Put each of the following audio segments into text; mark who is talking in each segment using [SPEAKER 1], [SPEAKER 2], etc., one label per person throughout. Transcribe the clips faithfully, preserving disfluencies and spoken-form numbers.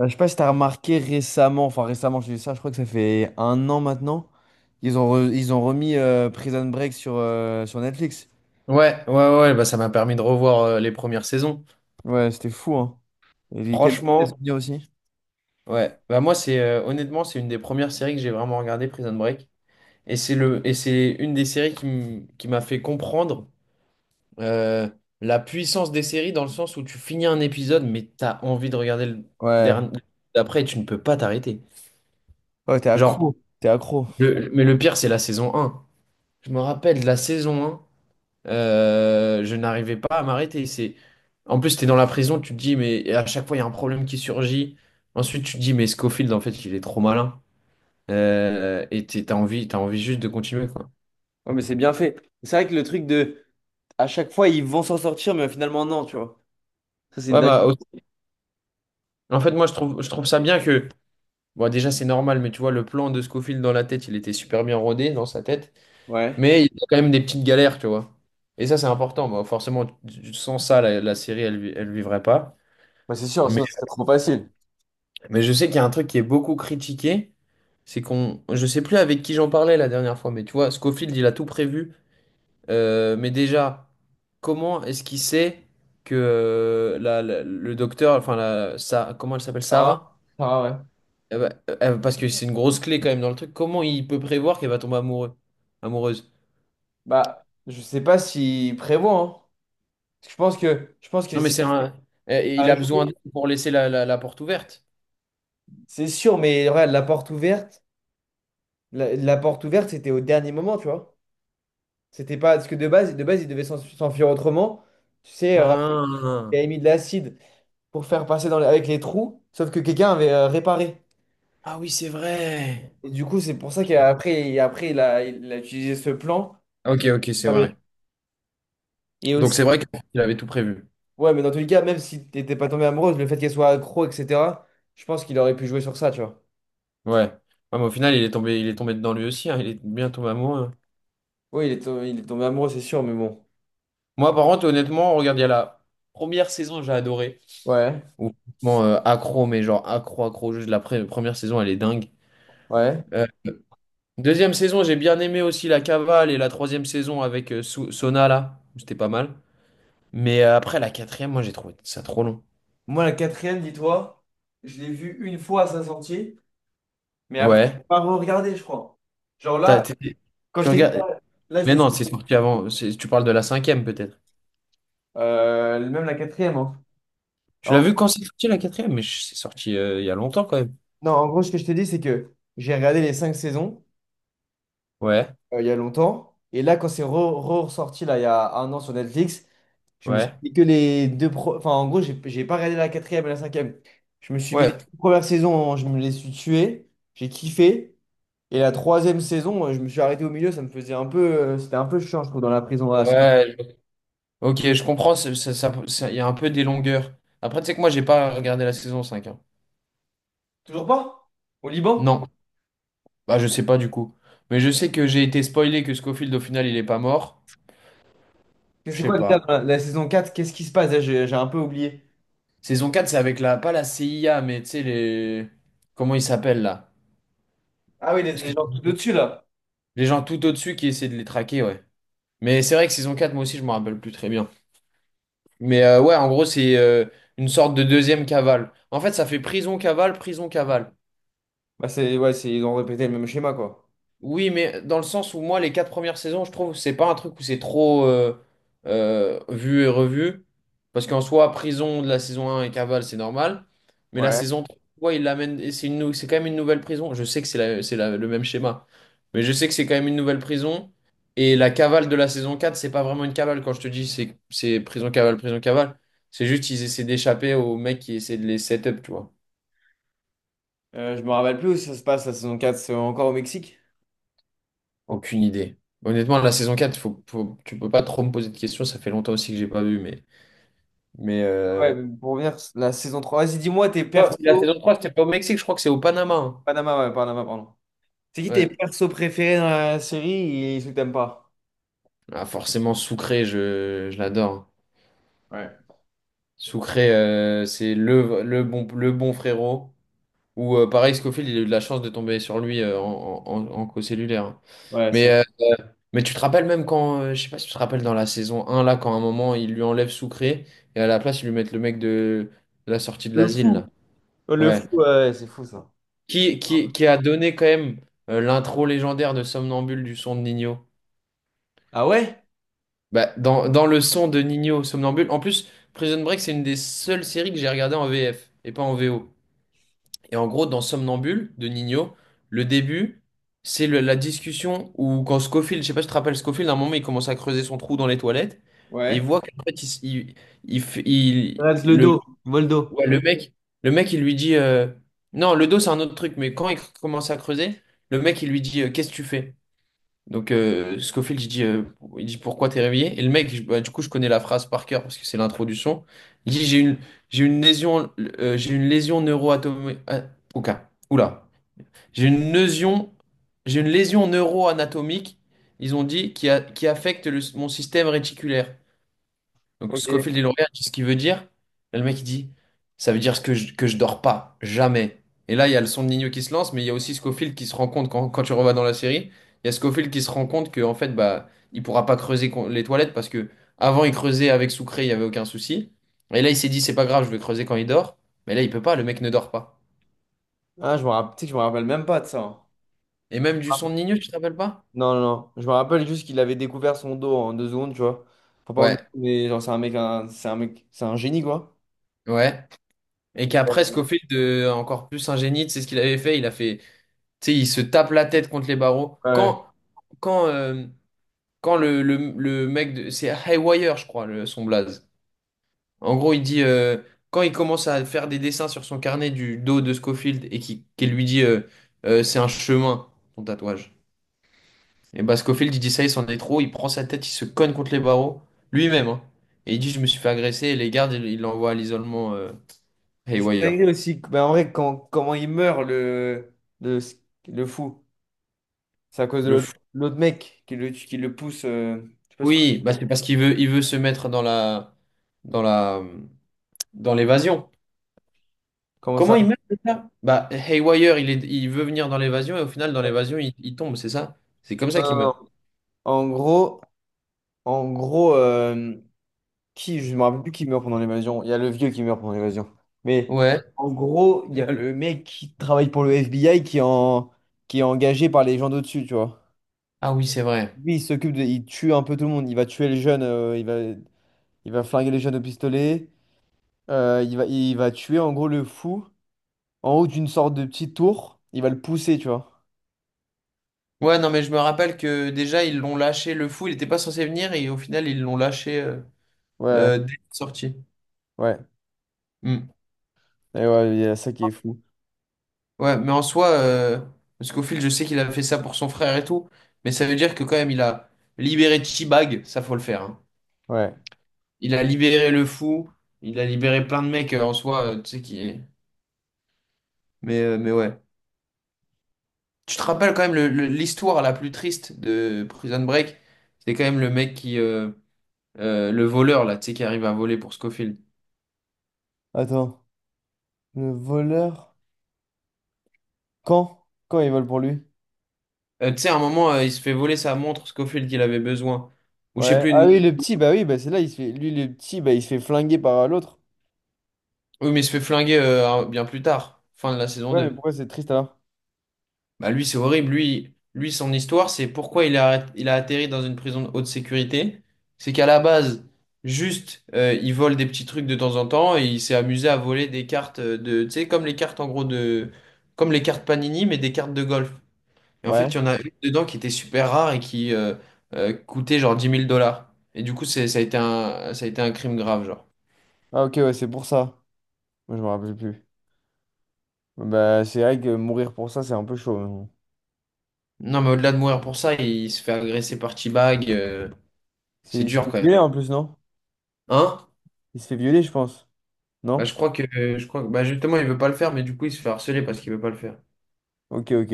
[SPEAKER 1] Euh, Je sais pas si t'as remarqué récemment, enfin récemment, je dis ça, je crois que ça fait un an maintenant, ils ont, re- ils ont remis euh, Prison Break sur, euh, sur Netflix.
[SPEAKER 2] Ouais, ouais, ouais, bah ça m'a permis de revoir euh, les premières saisons.
[SPEAKER 1] Ouais, c'était fou, hein. Et quel quel
[SPEAKER 2] Franchement,
[SPEAKER 1] souvenir aussi?
[SPEAKER 2] ouais. Bah moi, c'est euh, honnêtement, c'est une des premières séries que j'ai vraiment regardé, Prison Break. Et c'est le, et c'est une des séries qui m- qui m'a fait comprendre euh, la puissance des séries dans le sens où tu finis un épisode, mais t'as envie de regarder le
[SPEAKER 1] Ouais.
[SPEAKER 2] dernier d'après et tu ne peux pas t'arrêter.
[SPEAKER 1] Ouais, t'es
[SPEAKER 2] Genre,
[SPEAKER 1] accro, t'es accro.
[SPEAKER 2] le- mais le pire, c'est la saison un. Je me rappelle de la saison un. Euh, je n'arrivais pas à m'arrêter. C'est. En plus, t'es dans la prison, tu te dis, mais et à chaque fois, il y a un problème qui surgit. Ensuite, tu te dis, mais Scofield, en fait, il est trop malin. Euh, et t'es- t'as envie, t'as envie juste de continuer, quoi.
[SPEAKER 1] Ouais, mais c'est bien fait. C'est vrai que le truc de, à chaque fois, ils vont s'en sortir, mais finalement, non, tu vois. Ça, c'est une
[SPEAKER 2] Ouais,
[SPEAKER 1] dingue.
[SPEAKER 2] bah, au- en fait, moi, je trouve, je trouve ça bien que. Bon, déjà, c'est normal, mais tu vois, le plan de Scofield dans la tête, il était super bien rodé dans sa tête.
[SPEAKER 1] Ouais.
[SPEAKER 2] Mais il y a quand même des petites galères, tu vois. Et ça, c'est important. Bah, forcément, tu- tu- sans ça, la, la série, elle, vi- elle vivrait pas.
[SPEAKER 1] Bah, c'est sûr, sinon, ce serait trop facile.
[SPEAKER 2] Mais je sais qu'il y a un truc qui est beaucoup critiqué, c'est qu'on, je sais plus avec qui j'en parlais la dernière fois, mais tu vois, Scofield, il a tout prévu. Euh, mais déjà, comment est-ce qu'il sait que euh, la- la- le docteur, enfin, la, ça, comment elle s'appelle,
[SPEAKER 1] Ça va,
[SPEAKER 2] Sarah?
[SPEAKER 1] ça va, ouais.
[SPEAKER 2] Eh ben, euh, parce que c'est une grosse clé quand même dans le truc. Comment il peut prévoir qu'elle va tomber amoureux, amoureuse?
[SPEAKER 1] Bah, je sais pas s'ils prévoit hein. Parce que je pense que, je pense que
[SPEAKER 2] Non, mais
[SPEAKER 1] c'est
[SPEAKER 2] c'est un, eh, il
[SPEAKER 1] à
[SPEAKER 2] a besoin
[SPEAKER 1] jouer.
[SPEAKER 2] d'elle pour laisser la, la- la porte ouverte.
[SPEAKER 1] C'est sûr, mais regarde, la porte ouverte, la, la porte ouverte, c'était au dernier moment, tu vois. C'était pas. Parce que de base, de base, ils devaient s'en- s'enfuir autrement. Tu sais, euh,
[SPEAKER 2] Ah,
[SPEAKER 1] il avait mis de l'acide pour faire passer dans les- avec les trous, sauf que quelqu'un avait euh, réparé.
[SPEAKER 2] ah oui, c'est vrai.
[SPEAKER 1] Et du coup, c'est pour ça qu'après, après, il a, il a utilisé ce plan.
[SPEAKER 2] Ok, ok, c'est
[SPEAKER 1] Ah
[SPEAKER 2] vrai.
[SPEAKER 1] oui. Et
[SPEAKER 2] Donc
[SPEAKER 1] aussi.
[SPEAKER 2] c'est vrai qu'il avait tout prévu.
[SPEAKER 1] Ouais, mais dans tous les cas, même si t'étais pas tombé amoureuse, le fait qu'elle soit accro, et cetera, je pense qu'il aurait pu jouer sur ça, tu vois.
[SPEAKER 2] Ouais. Ouais, mais au final, il est tombé, il est tombé dedans lui aussi, hein, il est bien tombé amoureux, hein.
[SPEAKER 1] Oui, il est, to- il est tombé amoureux, c'est sûr, mais bon.
[SPEAKER 2] Moi, par contre, honnêtement, regarde, il y a la première saison, j'ai adoré.
[SPEAKER 1] Ouais,
[SPEAKER 2] Ou franchement, euh, accro, mais genre accro, accro, juste la pre- première saison, elle est dingue.
[SPEAKER 1] ouais.
[SPEAKER 2] Euh, Deuxième saison, j'ai bien aimé aussi la cavale et la troisième saison avec euh, Sou- Sona, là. C'était pas mal. Mais euh, après, la quatrième, moi, j'ai trouvé ça trop long.
[SPEAKER 1] Moi, la quatrième, dis-toi, je l'ai vue une fois à sa sortie, mais après, je l'ai
[SPEAKER 2] Ouais.
[SPEAKER 1] pas re-regardé, je crois. Genre
[SPEAKER 2] T'as-
[SPEAKER 1] là,
[SPEAKER 2] t'es-
[SPEAKER 1] quand
[SPEAKER 2] Tu
[SPEAKER 1] je t'ai dit,
[SPEAKER 2] regardes.
[SPEAKER 1] là, je
[SPEAKER 2] Mais
[SPEAKER 1] me suis.
[SPEAKER 2] non, c'est sorti avant. c'est- Tu parles de la cinquième, peut-être.
[SPEAKER 1] Euh, même la quatrième, hein.
[SPEAKER 2] Tu l'as
[SPEAKER 1] En-
[SPEAKER 2] vu quand c'est sorti, la quatrième? Mais je- c'est sorti euh, il y a longtemps, quand même.
[SPEAKER 1] non, en gros, ce que je te dis, c'est que j'ai regardé les cinq saisons
[SPEAKER 2] Ouais,
[SPEAKER 1] euh, il y a longtemps. Et là, quand c'est re- re- ressorti, là, il y a un an sur Netflix, je me suis
[SPEAKER 2] ouais.
[SPEAKER 1] dit que les deux. pro- Enfin, en gros, j'ai j'ai pas regardé la quatrième et la cinquième. Je me suis mis les
[SPEAKER 2] Ouais,
[SPEAKER 1] deux premières saisons, je me les suis tuées. J'ai kiffé. Et la troisième saison, euh, je me suis arrêté au milieu, ça me faisait un peu. euh, C'était un peu chiant, je trouve, dans la prison, à Sodome.
[SPEAKER 2] ouais, je- ok, je comprends, c'est- ça, ça, ça- il y a un peu des longueurs. Après, tu sais que moi, j'ai pas regardé la saison cinq, hein.
[SPEAKER 1] Toujours pas? Au Liban?
[SPEAKER 2] Non, bah je sais pas du coup. Mais je sais que j'ai été spoilé que Scofield, au final, il est pas mort.
[SPEAKER 1] Mais
[SPEAKER 2] Je
[SPEAKER 1] c'est
[SPEAKER 2] sais
[SPEAKER 1] quoi déjà dans
[SPEAKER 2] pas.
[SPEAKER 1] la, la saison quatre? Qu'est-ce qui se passe? Là, J'ai j'ai un peu oublié.
[SPEAKER 2] Saison quatre, c'est avec la, pas la C I A, mais tu sais, les. Comment ils s'appellent là?
[SPEAKER 1] Ah oui, les,
[SPEAKER 2] Parce
[SPEAKER 1] les
[SPEAKER 2] que
[SPEAKER 1] gens tout au-dessus là.
[SPEAKER 2] les gens tout au-dessus qui essaient de les traquer, ouais. Mais c'est vrai que saison quatre, moi aussi, je me rappelle plus très bien. Mais euh, ouais, en gros, c'est euh, une sorte de deuxième cavale. En fait, ça fait prison, cavale, prison, cavale.
[SPEAKER 1] Bah c'est ouais, c'est ils ont répété le même schéma quoi.
[SPEAKER 2] Oui, mais dans le sens où moi, les quatre premières saisons, je trouve, c'est pas un truc où c'est trop euh, euh, vu et revu. Parce qu'en soi, prison de la saison un et cavale, c'est normal. Mais la
[SPEAKER 1] Ouais.
[SPEAKER 2] saison trois, il l'amène, et c'est une, nou- c'est quand même une nouvelle prison. Je sais que c'est la- c'est la- le même schéma. Mais je sais que c'est quand même une nouvelle prison. Et la cavale de la saison quatre, c'est pas vraiment une cavale quand je te dis, c'est c'est prison cavale, prison cavale. C'est juste ils essaient d'échapper aux mecs qui essaient de les set up, tu vois.
[SPEAKER 1] Euh, je me rappelle plus où ça se passe la saison quatre, c'est encore au Mexique.
[SPEAKER 2] Aucune idée. Honnêtement, la saison quatre, faut, faut- tu peux pas trop me poser de questions. Ça fait longtemps aussi que j'ai pas vu, mais. Mais
[SPEAKER 1] Ouais,
[SPEAKER 2] euh,
[SPEAKER 1] mais pour revenir, la saison trois. Vas-y, dis-moi tes
[SPEAKER 2] Ah, la
[SPEAKER 1] persos.
[SPEAKER 2] saison trois, c'était pas au Mexique, je crois que c'est au Panama, hein.
[SPEAKER 1] Panama, ouais, Panama, pardon. C'est qui tes
[SPEAKER 2] Ouais.
[SPEAKER 1] persos préférés dans la série et ceux que t'aimes pas?
[SPEAKER 2] Ah, forcément, Soucré, je, je l'adore.
[SPEAKER 1] Ouais.
[SPEAKER 2] Soucré, euh, c'est le, le bon, le bon frérot. Ou euh, pareil, Scofield, il a eu de la chance de tomber sur lui euh, en, en, en- en co-cellulaire, hein.
[SPEAKER 1] Ouais,
[SPEAKER 2] Mais,
[SPEAKER 1] c'est.
[SPEAKER 2] euh, mais tu te rappelles même quand, euh, je sais pas si tu te rappelles dans la saison un là, quand à un moment, ils lui enlèvent Soucré et à la place, ils lui mettent le mec de, de la sortie de
[SPEAKER 1] Le
[SPEAKER 2] l'asile, là.
[SPEAKER 1] fou. Le
[SPEAKER 2] Ouais.
[SPEAKER 1] fou, ouais, c'est fou ça.
[SPEAKER 2] Qui, qui, qui a donné quand même euh, l'intro légendaire de Somnambule du son de Nino.
[SPEAKER 1] Ah ouais?
[SPEAKER 2] Bah, dans, dans le son de Nino, Somnambule. En plus, Prison Break, c'est une des seules séries que j'ai regardées en V F et pas en V O. Et en gros, dans Somnambule de Nino, le début, c'est le- la discussion où quand Scofield, je sais pas si tu te rappelles Scofield, à un moment, il commence à creuser son trou dans les toilettes. Et il
[SPEAKER 1] Ouais,
[SPEAKER 2] voit qu'en fait, il, s- il, il f- il-
[SPEAKER 1] Rex le
[SPEAKER 2] le,
[SPEAKER 1] dos, Voldo.
[SPEAKER 2] Ouais, le mec, le mec, il lui dit euh, non, le dos, c'est un autre truc, mais quand il commence à creuser, le mec, il lui dit euh, qu'est-ce que tu fais? Donc, euh, Scofield, il dit, euh, il dit pourquoi t'es réveillé? Et le mec, je- bah, du coup, je connais la phrase par cœur parce que c'est l'introduction. Il dit j'ai une, j'ai une lésion, euh, j'ai une lésion neuroatomique. Oula, j'ai une lésion, j'ai une lésion neuroanatomique. Ils ont dit qui, a- qui affecte le- mon système réticulaire. Donc
[SPEAKER 1] Ok.
[SPEAKER 2] Scofield est lauréat, tu sais ce qu'il veut dire? Et le mec il dit, ça veut dire que je, que je dors pas, jamais. Et là, il y a le son de Nino qui se lance, mais il y a aussi Scofield qui se rend compte, quand, quand tu revas dans la série, il y a Scofield qui se rend compte que en fait, bah, il pourra pas creuser con- les toilettes parce que avant il creusait avec Sucré, il y avait aucun souci. Et là, il s'est dit, c'est pas grave, je vais creuser quand il dort. Mais là, il peut pas, le mec ne dort pas.
[SPEAKER 1] Ah, je me rappelle, tu sais que je me rappelle même pas de ça, hein.
[SPEAKER 2] Et même du son de Nino, tu te rappelles pas?
[SPEAKER 1] Non, non, non. Je me rappelle juste qu'il avait découvert son dos en deux secondes, tu vois. Enfin, pas en deux
[SPEAKER 2] Ouais,
[SPEAKER 1] secondes, mais genre, c'est un mec, un- c'est un mec, c'est un génie, quoi.
[SPEAKER 2] ouais. Et
[SPEAKER 1] Et
[SPEAKER 2] qu'après,
[SPEAKER 1] euh,
[SPEAKER 2] Scofield, euh, encore plus ingénie, c'est ce qu'il avait fait? Il a fait. Tu sais, il se tape la tête contre les barreaux.
[SPEAKER 1] ouais.
[SPEAKER 2] Quand, quand, euh, quand le, le, le mec de. C'est Haywire, je crois, le, son blaze. En gros, il dit, euh, quand il commence à faire des dessins sur son carnet du dos de Scofield et qui, qu'il lui dit euh, euh, c'est un chemin, ton tatouage. Et bah, Scofield, il dit ça, il s'en est trop. Il prend sa tête, il se cogne contre les barreaux, lui-même, hein. Et il dit je me suis fait agresser. Et les gardes, ils il l'envoie à l'isolement euh,
[SPEAKER 1] Et c'est
[SPEAKER 2] Haywire.
[SPEAKER 1] dingue aussi, que- ben, en vrai, quand, comment il meurt, le, le, le fou, c'est à cause de
[SPEAKER 2] Le
[SPEAKER 1] l'autre
[SPEAKER 2] fou.
[SPEAKER 1] l'autre mec qui le, qui le pousse, euh, tu peux se...
[SPEAKER 2] Oui, bah, c'est parce qu'il veut, il veut se mettre dans la. Dans la. Dans l'évasion.
[SPEAKER 1] Comment
[SPEAKER 2] Comment il
[SPEAKER 1] ça?
[SPEAKER 2] meurt, c'est ça? Bah, Haywire, il est, il veut venir dans l'évasion et au final, dans
[SPEAKER 1] Non,
[SPEAKER 2] l'évasion, il, il tombe, c'est ça? C'est comme
[SPEAKER 1] non,
[SPEAKER 2] ça qu'il
[SPEAKER 1] non.
[SPEAKER 2] meurt.
[SPEAKER 1] En gros, en gros, euh, qui, je me rappelle plus qui meurt pendant l'évasion. Il y a le vieux qui meurt pendant l'évasion. Mais
[SPEAKER 2] Ouais.
[SPEAKER 1] en gros, il y a le mec qui travaille pour le F B I qui est, en- qui est engagé par les gens d'au-dessus, tu vois.
[SPEAKER 2] Ah oui, c'est vrai.
[SPEAKER 1] Lui, il s'occupe de... Il tue un peu tout le monde. Il va tuer les jeunes, euh, il va... il va flinguer les jeunes au pistolet. Euh, il va... il va tuer, en gros, le fou en haut d'une sorte de petite tour. Il va le pousser, tu vois.
[SPEAKER 2] Ouais, non, mais je me rappelle que déjà, ils l'ont lâché, le fou, il n'était pas censé venir et au final, ils l'ont lâché euh,
[SPEAKER 1] Ouais,
[SPEAKER 2] euh, dès la sortie.
[SPEAKER 1] ouais.
[SPEAKER 2] Hmm.
[SPEAKER 1] Et ouais, il y a ça qui est fou.
[SPEAKER 2] Ouais, mais en soi, euh, parce qu'au fil, je sais qu'il avait fait ça pour son frère et tout, mais ça veut dire que quand même, il a libéré Chibag, ça faut le faire, hein.
[SPEAKER 1] Ouais.
[SPEAKER 2] Il a libéré le fou, il a libéré plein de mecs euh, en soi, euh, tu sais qui. Mais, euh, mais ouais. Tu te rappelles quand même le- le- l'histoire la plus triste de Prison Break? C'est quand même le mec qui, euh, euh, le voleur, là, tu sais, qui arrive à voler pour Scofield.
[SPEAKER 1] Attends. Le voleur... Quand? Quand il vole pour lui?
[SPEAKER 2] Euh, tu sais, à un moment, euh, il se fait voler sa montre Scofield qu'il avait besoin. Ou je sais
[SPEAKER 1] Ouais.
[SPEAKER 2] plus, une
[SPEAKER 1] Ah oui,
[SPEAKER 2] montre.
[SPEAKER 1] le petit, bah oui, bah c'est là, il se fait... lui, le petit, bah il se fait flinguer par euh, l'autre.
[SPEAKER 2] Oui, mais il se fait flinguer euh, un- bien plus tard, fin de la saison
[SPEAKER 1] Ouais, mais
[SPEAKER 2] deux.
[SPEAKER 1] pourquoi c'est triste alors?
[SPEAKER 2] Bah lui, c'est horrible. Lui, lui, son histoire, c'est pourquoi il a, il a atterri dans une prison de haute sécurité. C'est qu'à la base, juste, euh, il vole des petits trucs de temps en temps et il s'est amusé à voler des cartes euh, de, tu sais, comme les cartes en gros de, comme les cartes Panini, mais des cartes de golf. Et en fait,
[SPEAKER 1] Ouais.
[SPEAKER 2] il y en a une dedans qui était super rare et qui euh, euh, coûtait genre dix mille dollars. Et du coup, c'est, ça a été un, ça a été un crime grave, genre.
[SPEAKER 1] Ah ok, ouais, c'est pour ça. Moi, je me rappelle plus. Bah, c'est vrai que mourir pour ça, c'est un peu chaud, mais bon.
[SPEAKER 2] Non, mais au-delà de mourir pour ça, il se fait agresser par T-Bag, euh,
[SPEAKER 1] C'est
[SPEAKER 2] c'est
[SPEAKER 1] il se
[SPEAKER 2] dur
[SPEAKER 1] fait
[SPEAKER 2] quand même.
[SPEAKER 1] violer en plus, non?
[SPEAKER 2] Hein?
[SPEAKER 1] Il se fait violer, je pense.
[SPEAKER 2] Bah, je
[SPEAKER 1] Non?
[SPEAKER 2] crois que, je crois que, bah, justement, il veut pas le faire, mais du coup, il se fait harceler parce qu'il veut pas le faire.
[SPEAKER 1] Ok, ok.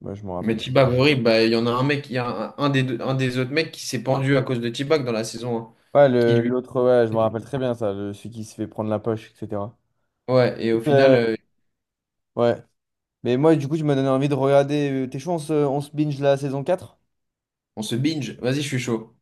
[SPEAKER 1] Bah, je me
[SPEAKER 2] Mais
[SPEAKER 1] rappelle.
[SPEAKER 2] T-Bag, horrible, bah, il y en a un mec, il y a un, un des, deux- un des autres mecs qui s'est pendu à cause de T-Bag dans la saison un.
[SPEAKER 1] Ouais,
[SPEAKER 2] Qui
[SPEAKER 1] le-
[SPEAKER 2] lui.
[SPEAKER 1] l'autre, ouais, je me rappelle très bien ça, le- celui qui se fait prendre la poche, et cetera.
[SPEAKER 2] Ouais, et au final,
[SPEAKER 1] Euh,
[SPEAKER 2] euh,
[SPEAKER 1] Ouais. Mais moi, du coup, tu m'as donné envie de regarder, euh, t'es chaud, on se, on se binge la saison quatre
[SPEAKER 2] on se binge. Vas-y, je suis chaud.